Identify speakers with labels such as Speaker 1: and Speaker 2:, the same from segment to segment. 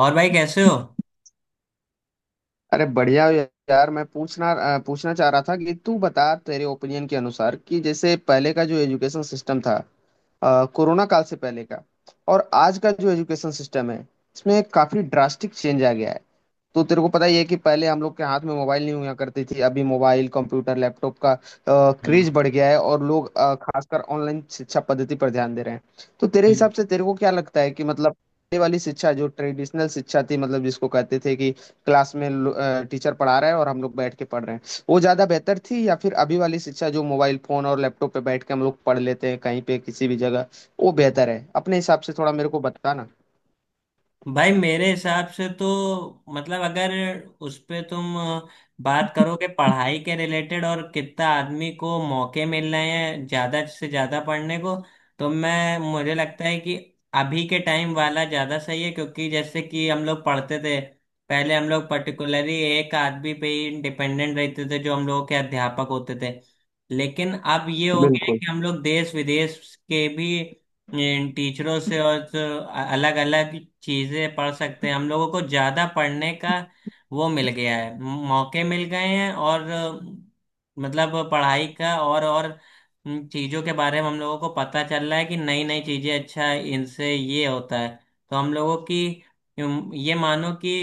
Speaker 1: और भाई, कैसे हो?
Speaker 2: अरे बढ़िया हो यार। मैं पूछना पूछना चाह रहा था कि तू बता, तेरे ओपिनियन के अनुसार कि जैसे पहले का जो एजुकेशन सिस्टम था, कोरोना काल से पहले का, और आज का जो एजुकेशन सिस्टम है, इसमें काफी ड्रास्टिक चेंज आ गया है। तो तेरे को पता ही है कि पहले हम लोग के हाथ में मोबाइल नहीं हुआ करती थी। अभी मोबाइल कंप्यूटर लैपटॉप का क्रेज
Speaker 1: हाँ।
Speaker 2: बढ़ गया है और लोग खासकर ऑनलाइन शिक्षा पद्धति पर ध्यान दे रहे हैं। तो तेरे
Speaker 1: हम्म।
Speaker 2: हिसाब से तेरे को क्या लगता है कि मतलब ये वाली शिक्षा जो ट्रेडिशनल शिक्षा थी, मतलब जिसको कहते थे कि क्लास में टीचर पढ़ा रहा है और हम लोग बैठ के पढ़ रहे हैं, वो ज्यादा बेहतर थी, या फिर अभी वाली शिक्षा जो मोबाइल फोन और लैपटॉप पे बैठ के हम लोग पढ़ लेते हैं कहीं पे किसी भी जगह, वो बेहतर है? अपने हिसाब से थोड़ा मेरे को बताना।
Speaker 1: भाई, मेरे हिसाब से तो मतलब अगर उस पे तुम बात करो कि पढ़ाई के रिलेटेड और कितना आदमी को मौके मिल रहे हैं, ज्यादा से ज्यादा पढ़ने को, तो मैं मुझे लगता है कि अभी के टाइम वाला ज्यादा सही है। क्योंकि जैसे कि हम लोग पढ़ते थे, पहले हम लोग पर्टिकुलरली एक आदमी पे ही डिपेंडेंट रहते थे जो हम लोगों के अध्यापक होते थे। लेकिन अब ये हो गया है
Speaker 2: बिल्कुल,
Speaker 1: कि हम लोग देश विदेश के भी टीचरों से और अलग अलग चीजें पढ़ सकते हैं। हम लोगों को ज्यादा पढ़ने का वो मिल गया है, मौके मिल गए हैं। और मतलब पढ़ाई का और चीजों के बारे में हम लोगों को पता चल रहा है कि नई नई चीजें, अच्छा, इनसे ये होता है। तो हम लोगों की, ये मानो कि,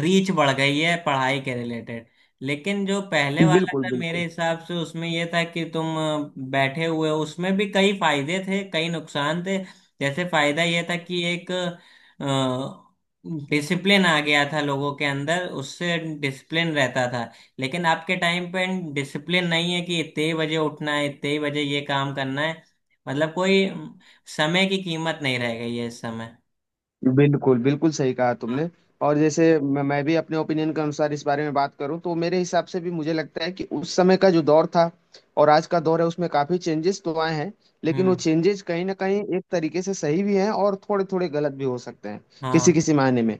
Speaker 1: रीच बढ़ गई है पढ़ाई के रिलेटेड। लेकिन जो पहले वाला
Speaker 2: बिल्कुल।
Speaker 1: था, मेरे
Speaker 2: बिल्कुल
Speaker 1: हिसाब से उसमें ये था कि तुम बैठे हुए हो, उसमें भी कई फायदे थे, कई नुकसान थे। जैसे फायदा ये था कि एक डिसिप्लिन आ गया था लोगों के अंदर, उससे डिसिप्लिन रहता था। लेकिन आपके टाइम पे डिसिप्लिन नहीं है कि इतने ही बजे उठना है, इतने ही बजे ये काम करना है। मतलब कोई समय की कीमत नहीं रह गई है इस समय।
Speaker 2: बिल्कुल। बिल्कुल सही कहा तुमने।
Speaker 1: हाँ।
Speaker 2: और जैसे मैं भी अपने ओपिनियन के अनुसार इस बारे में बात करूं तो मेरे हिसाब से भी मुझे लगता है कि उस समय का जो दौर था और आज का दौर है, उसमें काफी चेंजेस तो आए हैं, लेकिन वो
Speaker 1: हम्म।
Speaker 2: चेंजेस कहीं ना कहीं एक तरीके से सही भी हैं और थोड़े थोड़े गलत भी हो सकते हैं किसी
Speaker 1: हाँ।
Speaker 2: किसी मायने में।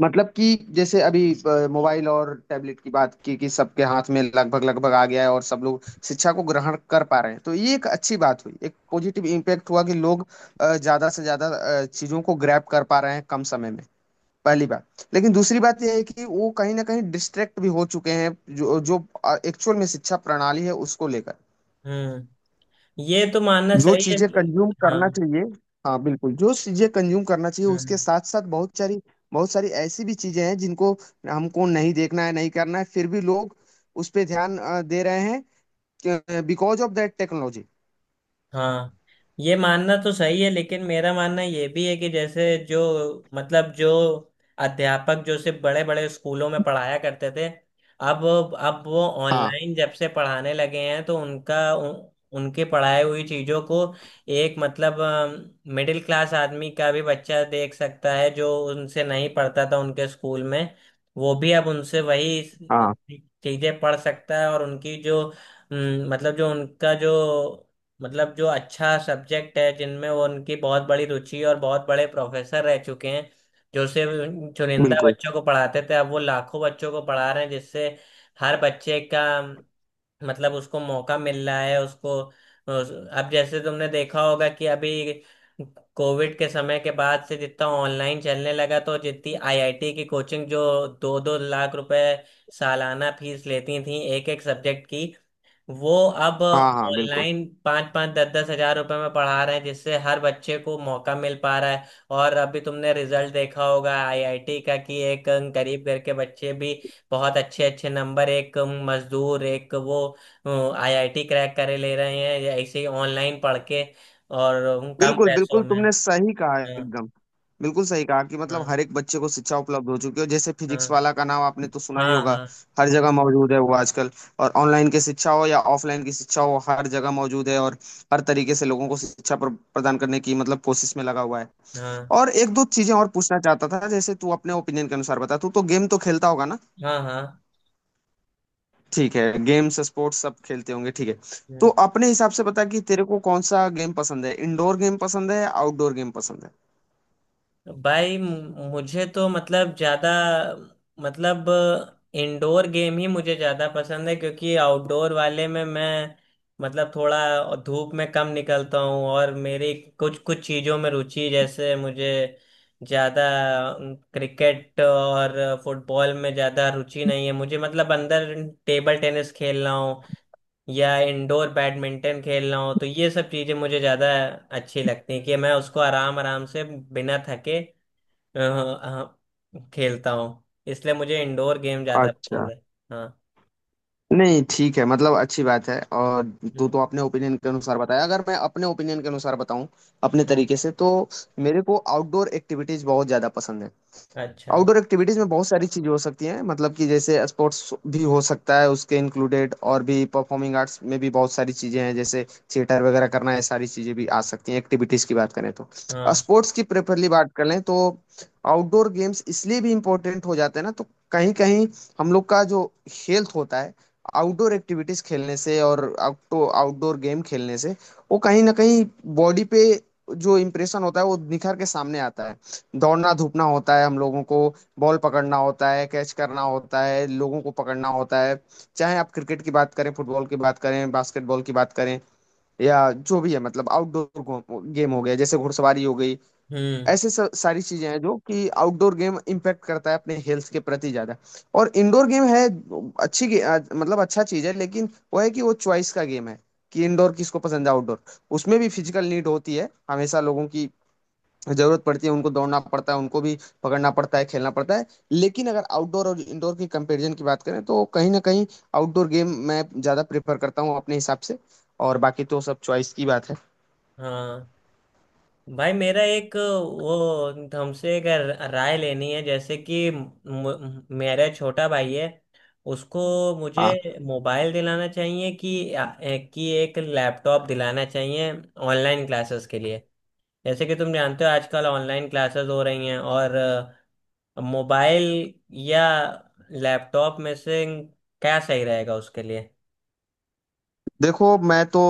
Speaker 2: मतलब कि जैसे अभी मोबाइल और टैबलेट की बात की, कि सबके हाथ में लगभग लगभग आ गया है और सब लोग शिक्षा को ग्रहण कर पा रहे हैं, तो ये एक अच्छी बात हुई, एक पॉजिटिव इम्पैक्ट हुआ कि लोग ज्यादा से ज्यादा चीजों को ग्रैब कर पा रहे हैं कम समय में। पहली बात। लेकिन दूसरी बात यह है कि वो कहीं ना कहीं डिस्ट्रैक्ट भी हो चुके हैं जो जो एक्चुअल में शिक्षा प्रणाली है उसको लेकर।
Speaker 1: हम्म। ये तो मानना
Speaker 2: जो
Speaker 1: सही है।
Speaker 2: चीजें कंज्यूम
Speaker 1: हाँ।
Speaker 2: करना चाहिए, हाँ बिल्कुल, जो चीजें कंज्यूम करना चाहिए
Speaker 1: हाँ,
Speaker 2: उसके साथ साथ बहुत सारी, बहुत सारी ऐसी भी चीजें हैं जिनको हमको नहीं देखना है, नहीं करना है, फिर भी लोग उस पे ध्यान दे रहे हैं बिकॉज ऑफ दैट टेक्नोलॉजी।
Speaker 1: हाँ। ये मानना तो सही है, लेकिन मेरा मानना ये भी है कि जैसे जो अध्यापक जो सिर्फ बड़े बड़े स्कूलों में पढ़ाया करते थे, अब वो
Speaker 2: हाँ
Speaker 1: ऑनलाइन जब से पढ़ाने लगे हैं, तो उनके पढ़ाई हुई चीज़ों को एक, मतलब, मिडिल क्लास आदमी का भी बच्चा देख सकता है जो उनसे नहीं पढ़ता था उनके स्कूल में। वो भी अब उनसे वही
Speaker 2: हाँ,
Speaker 1: चीज़ें पढ़ सकता है। और उनकी जो अम, मतलब जो उनका जो मतलब जो अच्छा सब्जेक्ट है जिनमें वो, उनकी बहुत बड़ी रुचि और बहुत बड़े प्रोफेसर रह चुके हैं, जो सिर्फ उन चुनिंदा
Speaker 2: बिल्कुल।
Speaker 1: बच्चों को पढ़ाते थे, अब वो लाखों बच्चों को पढ़ा रहे हैं, जिससे हर बच्चे का मतलब उसको मौका मिल रहा है। अब जैसे तुमने देखा होगा कि अभी कोविड के समय के बाद से जितना ऑनलाइन चलने लगा, तो जितनी आईआईटी की कोचिंग जो 2-2 लाख रुपए सालाना फीस लेती थी एक एक सब्जेक्ट की, वो अब
Speaker 2: हाँ हाँ, बिल्कुल
Speaker 1: ऑनलाइन 5-5, 10-10 हज़ार रुपए में पढ़ा रहे हैं, जिससे हर बच्चे को मौका मिल पा रहा है। और अभी तुमने रिजल्ट देखा होगा आईआईटी का, कि एक गरीब घर के बच्चे भी बहुत अच्छे अच्छे नंबर, एक मजदूर, एक वो, आईआईटी क्रैक करे ले रहे हैं या ऐसे ही ऑनलाइन पढ़ के, और कम
Speaker 2: बिल्कुल।
Speaker 1: पैसों
Speaker 2: बिल्कुल
Speaker 1: में।
Speaker 2: तुमने सही कहा
Speaker 1: हाँ,
Speaker 2: एकदम। बिल्कुल सही कहा कि मतलब
Speaker 1: हाँ,
Speaker 2: हर एक बच्चे को शिक्षा उपलब्ध हो चुकी है। जैसे
Speaker 1: हाँ,
Speaker 2: फिजिक्स वाला का नाम आपने तो सुना ही
Speaker 1: हाँ,
Speaker 2: होगा,
Speaker 1: हाँ,
Speaker 2: हर जगह मौजूद है वो आजकल। और ऑनलाइन की शिक्षा हो या ऑफलाइन की शिक्षा हो, हर जगह मौजूद है, और हर तरीके से लोगों को शिक्षा प्रदान करने की मतलब कोशिश में लगा हुआ है। और एक दो चीजें और पूछना चाहता था। जैसे तू अपने ओपिनियन के अनुसार बता, तू तो गेम तो खेलता होगा ना?
Speaker 1: हाँ, हाँ,
Speaker 2: ठीक है, गेम्स स्पोर्ट्स सब खेलते होंगे ठीक है। तो
Speaker 1: हाँ।
Speaker 2: अपने हिसाब से बता कि तेरे को कौन सा गेम पसंद है? इंडोर गेम पसंद है या आउटडोर गेम पसंद है?
Speaker 1: भाई, मुझे तो मतलब ज्यादा मतलब इंडोर गेम ही मुझे ज्यादा पसंद है, क्योंकि आउटडोर वाले में मैं, मतलब, थोड़ा धूप में कम निकलता हूँ। और मेरी कुछ कुछ चीजों में रुचि, जैसे मुझे ज्यादा क्रिकेट और फुटबॉल में ज्यादा रुचि नहीं है। मुझे मतलब अंदर टेबल टेनिस खेलना हो या इंडोर बैडमिंटन खेलना हो, तो ये सब चीजें मुझे ज्यादा अच्छी लगती हैं, कि मैं उसको आराम आराम से, बिना थके, हाँ, खेलता हूँ, इसलिए मुझे इंडोर गेम ज्यादा
Speaker 2: अच्छा।
Speaker 1: पसंद है। हाँ।
Speaker 2: नहीं ठीक है, मतलब अच्छी बात है। और
Speaker 1: हम्म।
Speaker 2: तो अपने ओपिनियन के अनुसार बताया, अगर मैं अपने ओपिनियन के अनुसार बताऊं अपने
Speaker 1: हाँ।
Speaker 2: तरीके से, तो मेरे को आउटडोर एक्टिविटीज बहुत ज्यादा पसंद है।
Speaker 1: अच्छा।
Speaker 2: आउटडोर एक्टिविटीज में बहुत सारी चीजें हो सकती हैं, मतलब कि जैसे स्पोर्ट्स भी हो सकता है उसके इंक्लूडेड, और भी परफॉर्मिंग आर्ट्स में भी बहुत सारी चीजें हैं जैसे थिएटर वगैरह करना है, सारी चीजें भी आ सकती हैं एक्टिविटीज की बात करें तो।
Speaker 1: हाँ।
Speaker 2: स्पोर्ट्स की प्रेफरली बात कर लें तो, आउटडोर गेम्स इसलिए भी इम्पोर्टेंट हो जाते हैं ना तो, कहीं कहीं हम लोग का जो हेल्थ होता है, आउटडोर एक्टिविटीज खेलने से और आउटो आउटडोर गेम खेलने से, वो कहीं ना कहीं बॉडी पे जो इम्प्रेशन होता है वो निखर के सामने आता है। दौड़ना धूपना होता है हम लोगों को, बॉल पकड़ना होता है, कैच करना होता है, लोगों को पकड़ना होता है, चाहे आप क्रिकेट की बात करें, फुटबॉल की बात करें, बास्केटबॉल की बात करें, या जो भी है, मतलब आउटडोर गेम हो गया, जैसे घुड़सवारी हो गई,
Speaker 1: हम्म।
Speaker 2: ऐसे सब सारी चीजें हैं जो कि आउटडोर गेम इम्पैक्ट करता है अपने हेल्थ के प्रति ज्यादा। और इंडोर गेम है मतलब अच्छा चीज है, लेकिन वो है कि वो चॉइस का गेम है, कि इंडोर किसको पसंद है, आउटडोर। उसमें भी फिजिकल नीड होती है हमेशा लोगों की, जरूरत पड़ती है, उनको दौड़ना पड़ता है, उनको भी पकड़ना पड़ता है, खेलना पड़ता है। लेकिन अगर आउटडोर और इंडोर की कंपैरिजन की बात करें तो कहीं ना कहीं आउटडोर गेम मैं ज्यादा प्रेफर करता हूँ अपने हिसाब से। और बाकी तो सब चॉइस की बात है।
Speaker 1: हाँ। भाई, मेरा एक वो हमसे एक राय लेनी है। जैसे कि मेरा छोटा भाई है, उसको मुझे
Speaker 2: हाँ।
Speaker 1: मोबाइल दिलाना चाहिए कि एक लैपटॉप दिलाना चाहिए ऑनलाइन क्लासेस के लिए? जैसे कि तुम जानते हो आजकल ऑनलाइन क्लासेस हो रही हैं, और मोबाइल या लैपटॉप में से क्या सही रहेगा उसके लिए?
Speaker 2: देखो, मैं तो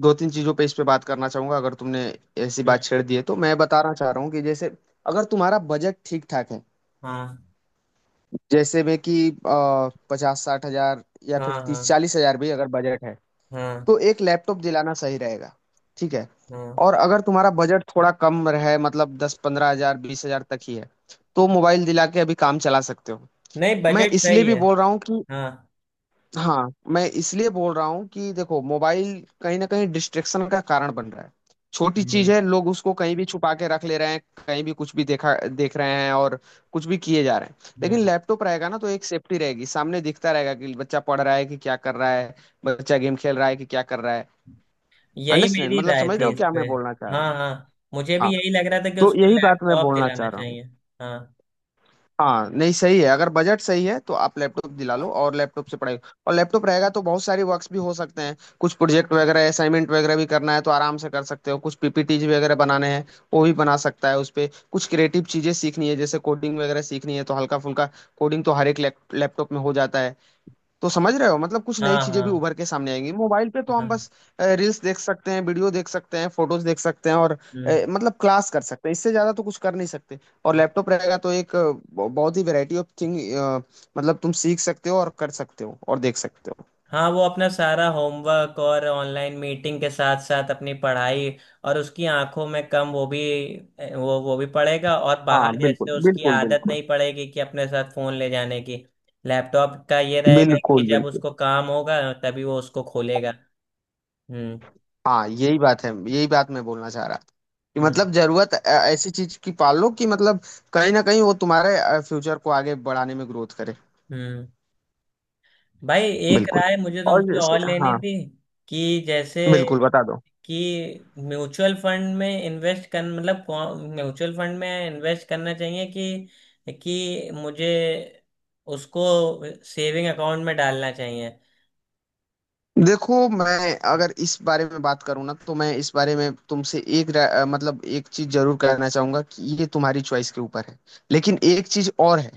Speaker 2: दो तीन चीजों पे इस पे बात करना चाहूंगा। अगर तुमने ऐसी बात
Speaker 1: हम्म।
Speaker 2: छेड़ दी है तो मैं बताना चाह रहा हूँ कि जैसे, अगर तुम्हारा बजट ठीक ठाक है,
Speaker 1: हाँ,
Speaker 2: जैसे में कि 50 60 हजार, या फिर
Speaker 1: हाँ,
Speaker 2: तीस
Speaker 1: हाँ,
Speaker 2: चालीस हजार भी अगर बजट है,
Speaker 1: हाँ,
Speaker 2: तो एक लैपटॉप दिलाना सही रहेगा, ठीक है।
Speaker 1: हाँ।
Speaker 2: और अगर तुम्हारा बजट थोड़ा कम रहे, मतलब 10 15 हजार 20 हजार तक ही है, तो मोबाइल दिला के अभी काम चला सकते हो।
Speaker 1: नहीं,
Speaker 2: मैं
Speaker 1: बजट
Speaker 2: इसलिए
Speaker 1: सही
Speaker 2: भी
Speaker 1: है।
Speaker 2: बोल रहा हूँ कि,
Speaker 1: हाँ।
Speaker 2: हाँ मैं इसलिए बोल रहा हूँ कि देखो, मोबाइल कहीं ना कहीं डिस्ट्रेक्शन का कारण बन रहा है। छोटी चीज
Speaker 1: हम्म।
Speaker 2: है, लोग उसको कहीं भी छुपा के रख ले रहे हैं, कहीं भी कुछ भी देख रहे हैं और कुछ भी किए जा रहे हैं। लेकिन
Speaker 1: हम्म।
Speaker 2: लैपटॉप रहेगा ना तो एक सेफ्टी रहेगी, सामने दिखता रहेगा कि बच्चा पढ़ रहा है कि क्या कर रहा है, बच्चा गेम खेल रहा है कि क्या कर रहा है।
Speaker 1: यही
Speaker 2: अंडरस्टैंड?
Speaker 1: मेरी
Speaker 2: मतलब
Speaker 1: राय
Speaker 2: समझ रहे
Speaker 1: थी
Speaker 2: हो
Speaker 1: इस
Speaker 2: क्या
Speaker 1: पे।
Speaker 2: मैं बोलना चाह रहा
Speaker 1: हाँ,
Speaker 2: हूँ?
Speaker 1: हाँ, मुझे
Speaker 2: हाँ,
Speaker 1: भी यही लग रहा था कि
Speaker 2: तो
Speaker 1: उसको
Speaker 2: यही बात मैं
Speaker 1: लैपटॉप
Speaker 2: बोलना
Speaker 1: दिलाना
Speaker 2: चाह रहा हूँ।
Speaker 1: चाहिए। हाँ,
Speaker 2: हाँ नहीं, सही है, अगर बजट सही है तो आप लैपटॉप दिला लो, और लैपटॉप से पढ़ाई। और लैपटॉप रहेगा तो बहुत सारी वर्क्स भी हो सकते हैं, कुछ प्रोजेक्ट वगैरह असाइनमेंट वगैरह भी करना है तो आराम से कर सकते हो, कुछ पीपीटीज वगैरह बनाने हैं वो भी बना सकता है उस पे, कुछ क्रिएटिव चीजें सीखनी है जैसे कोडिंग वगैरह सीखनी है तो हल्का फुल्का कोडिंग तो हर एक लैपटॉप में हो जाता है। तो समझ रहे हो, मतलब कुछ नई
Speaker 1: हाँ,
Speaker 2: चीजें भी
Speaker 1: हाँ,
Speaker 2: उभर के सामने आएंगी। मोबाइल पे तो
Speaker 1: हाँ।
Speaker 2: हम बस रील्स देख सकते हैं, वीडियो देख सकते हैं, फोटोज देख सकते हैं और
Speaker 1: हम्म।
Speaker 2: मतलब क्लास कर सकते हैं, इससे ज्यादा तो कुछ कर नहीं सकते। और लैपटॉप रहेगा तो एक बहुत ही वैरायटी ऑफ थिंग, मतलब तुम सीख सकते हो और कर सकते हो और देख सकते हो।
Speaker 1: हाँ, वो अपना सारा होमवर्क और ऑनलाइन मीटिंग के साथ साथ अपनी पढ़ाई, और उसकी आंखों में कम वो भी, वो भी पड़ेगा। और बाहर
Speaker 2: हाँ
Speaker 1: जैसे
Speaker 2: बिल्कुल
Speaker 1: उसकी
Speaker 2: बिल्कुल
Speaker 1: आदत
Speaker 2: बिल्कुल।
Speaker 1: नहीं पड़ेगी कि अपने साथ फोन ले जाने की। लैपटॉप का ये रहेगा कि
Speaker 2: बिल्कुल
Speaker 1: जब
Speaker 2: बिल्कुल।
Speaker 1: उसको काम होगा तभी वो उसको खोलेगा। हम्म।
Speaker 2: हाँ यही बात है, यही बात मैं बोलना चाह रहा था। कि
Speaker 1: हम्म।
Speaker 2: मतलब जरूरत ऐसी चीज की पाल लो कि मतलब कहीं ना कहीं वो तुम्हारे फ्यूचर को आगे बढ़ाने में ग्रोथ करे।
Speaker 1: हम्म। भाई, एक
Speaker 2: बिल्कुल।
Speaker 1: राय मुझे
Speaker 2: और
Speaker 1: तुमसे
Speaker 2: जैसे,
Speaker 1: और लेनी
Speaker 2: हाँ,
Speaker 1: थी। कि जैसे
Speaker 2: बिल्कुल बता दो।
Speaker 1: कि म्यूचुअल फंड में इन्वेस्ट कर मतलब कौन म्यूचुअल फंड में इन्वेस्ट करना चाहिए कि मुझे उसको सेविंग अकाउंट में डालना चाहिए?
Speaker 2: देखो मैं अगर इस बारे में बात करूँ ना, तो मैं इस बारे में तुमसे मतलब एक चीज जरूर कहना चाहूंगा कि ये तुम्हारी चॉइस के ऊपर है। लेकिन एक चीज और है,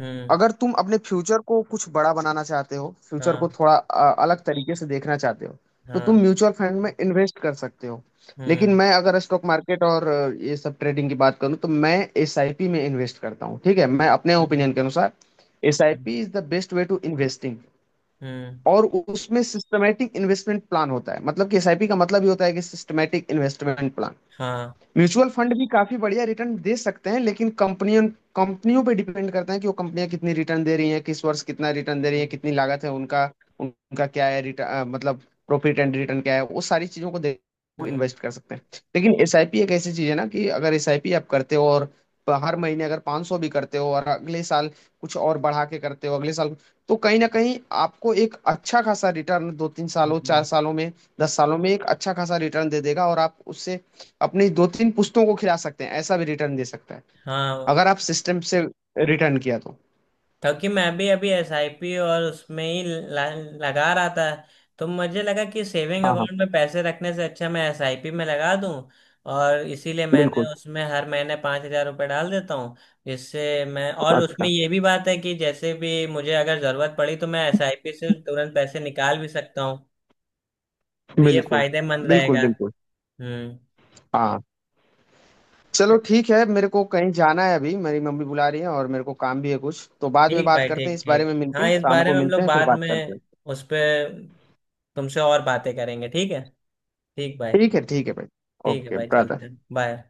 Speaker 1: हम्म।
Speaker 2: अगर तुम अपने फ्यूचर को कुछ बड़ा बनाना चाहते हो, फ्यूचर
Speaker 1: हाँ,
Speaker 2: को थोड़ा अलग तरीके से देखना चाहते हो, तो तुम
Speaker 1: हाँ।
Speaker 2: म्यूचुअल फंड में इन्वेस्ट कर सकते हो। लेकिन
Speaker 1: हम्म।
Speaker 2: मैं अगर स्टॉक मार्केट और ये सब ट्रेडिंग की बात करूँ तो मैं एसआईपी में इन्वेस्ट करता हूँ, ठीक है, मैं अपने
Speaker 1: हम्म।
Speaker 2: ओपिनियन के अनुसार।
Speaker 1: हम्म।
Speaker 2: SIP is the best way to investing.
Speaker 1: Hmm.
Speaker 2: और उसमें सिस्टमेटिक इन्वेस्टमेंट प्लान होता है, मतलब कि एसआईपी का मतलब ये होता है कि सिस्टमेटिक इन्वेस्टमेंट प्लान।
Speaker 1: हाँ।
Speaker 2: म्यूचुअल फंड भी काफी बढ़िया रिटर्न दे सकते हैं, लेकिन कंपनियों कंपनियों पे डिपेंड करते हैं कि वो कंपनियां कितनी रिटर्न दे रही हैं, किस वर्ष कितना रिटर्न दे रही हैं,
Speaker 1: हम्म।
Speaker 2: कितनी लागत है उनका, उनका क्या है रिटर्न, मतलब प्रॉफिट एंड रिटर्न क्या है, वो सारी चीजों को देख
Speaker 1: हम्म।
Speaker 2: इन्वेस्ट कर सकते हैं। लेकिन एसआईपी एक ऐसी चीज है ना कि अगर एसआईपी आप करते हो और हर महीने अगर 500 भी करते हो, और अगले साल कुछ और बढ़ा के करते हो अगले साल, तो कहीं ना कहीं आपको एक अच्छा खासा रिटर्न दो तीन सालों चार
Speaker 1: हम्म।
Speaker 2: सालों में, 10 सालों में एक अच्छा खासा रिटर्न दे देगा, और आप उससे अपनी दो तीन पुश्तों को खिला सकते हैं, ऐसा भी रिटर्न दे सकता है,
Speaker 1: हाँ,
Speaker 2: अगर आप सिस्टम से रिटर्न किया तो।
Speaker 1: क्योंकि मैं भी अभी एसआईपी और उसमें ही लगा रहा था। तो मुझे लगा कि सेविंग
Speaker 2: हाँ हाँ
Speaker 1: अकाउंट में पैसे रखने से अच्छा मैं एसआईपी में लगा दूं। और इसीलिए मैंने
Speaker 2: बिल्कुल।
Speaker 1: उसमें हर महीने 5 हज़ार रुपये डाल देता हूँ। जिससे मैं, और उसमें
Speaker 2: अच्छा।
Speaker 1: ये भी बात है कि जैसे भी मुझे अगर ज़रूरत पड़ी तो मैं एसआईपी से तुरंत पैसे निकाल भी सकता हूँ। तो ये
Speaker 2: बिल्कुल।
Speaker 1: फायदेमंद रहेगा।
Speaker 2: बिल्कुल बिल्कुल।
Speaker 1: हम्म।
Speaker 2: हाँ। चलो ठीक है, मेरे को कहीं जाना है अभी, मेरी मम्मी बुला रही है और मेरे को काम भी है कुछ, तो बाद में
Speaker 1: ठीक
Speaker 2: बात
Speaker 1: भाई,
Speaker 2: करते हैं
Speaker 1: ठीक,
Speaker 2: इस बारे
Speaker 1: ठीक।
Speaker 2: में,
Speaker 1: हाँ,
Speaker 2: मिलके
Speaker 1: इस
Speaker 2: शाम
Speaker 1: बारे
Speaker 2: को
Speaker 1: में हम
Speaker 2: मिलते
Speaker 1: लोग
Speaker 2: हैं फिर
Speaker 1: बाद
Speaker 2: बात करते हैं।
Speaker 1: में उस पर तुमसे और बातें करेंगे, ठीक है। ठीक भाई।
Speaker 2: ठीक है भाई।
Speaker 1: ठीक है
Speaker 2: ओके
Speaker 1: भाई, चलते
Speaker 2: ब्रदर।
Speaker 1: हैं, बाय।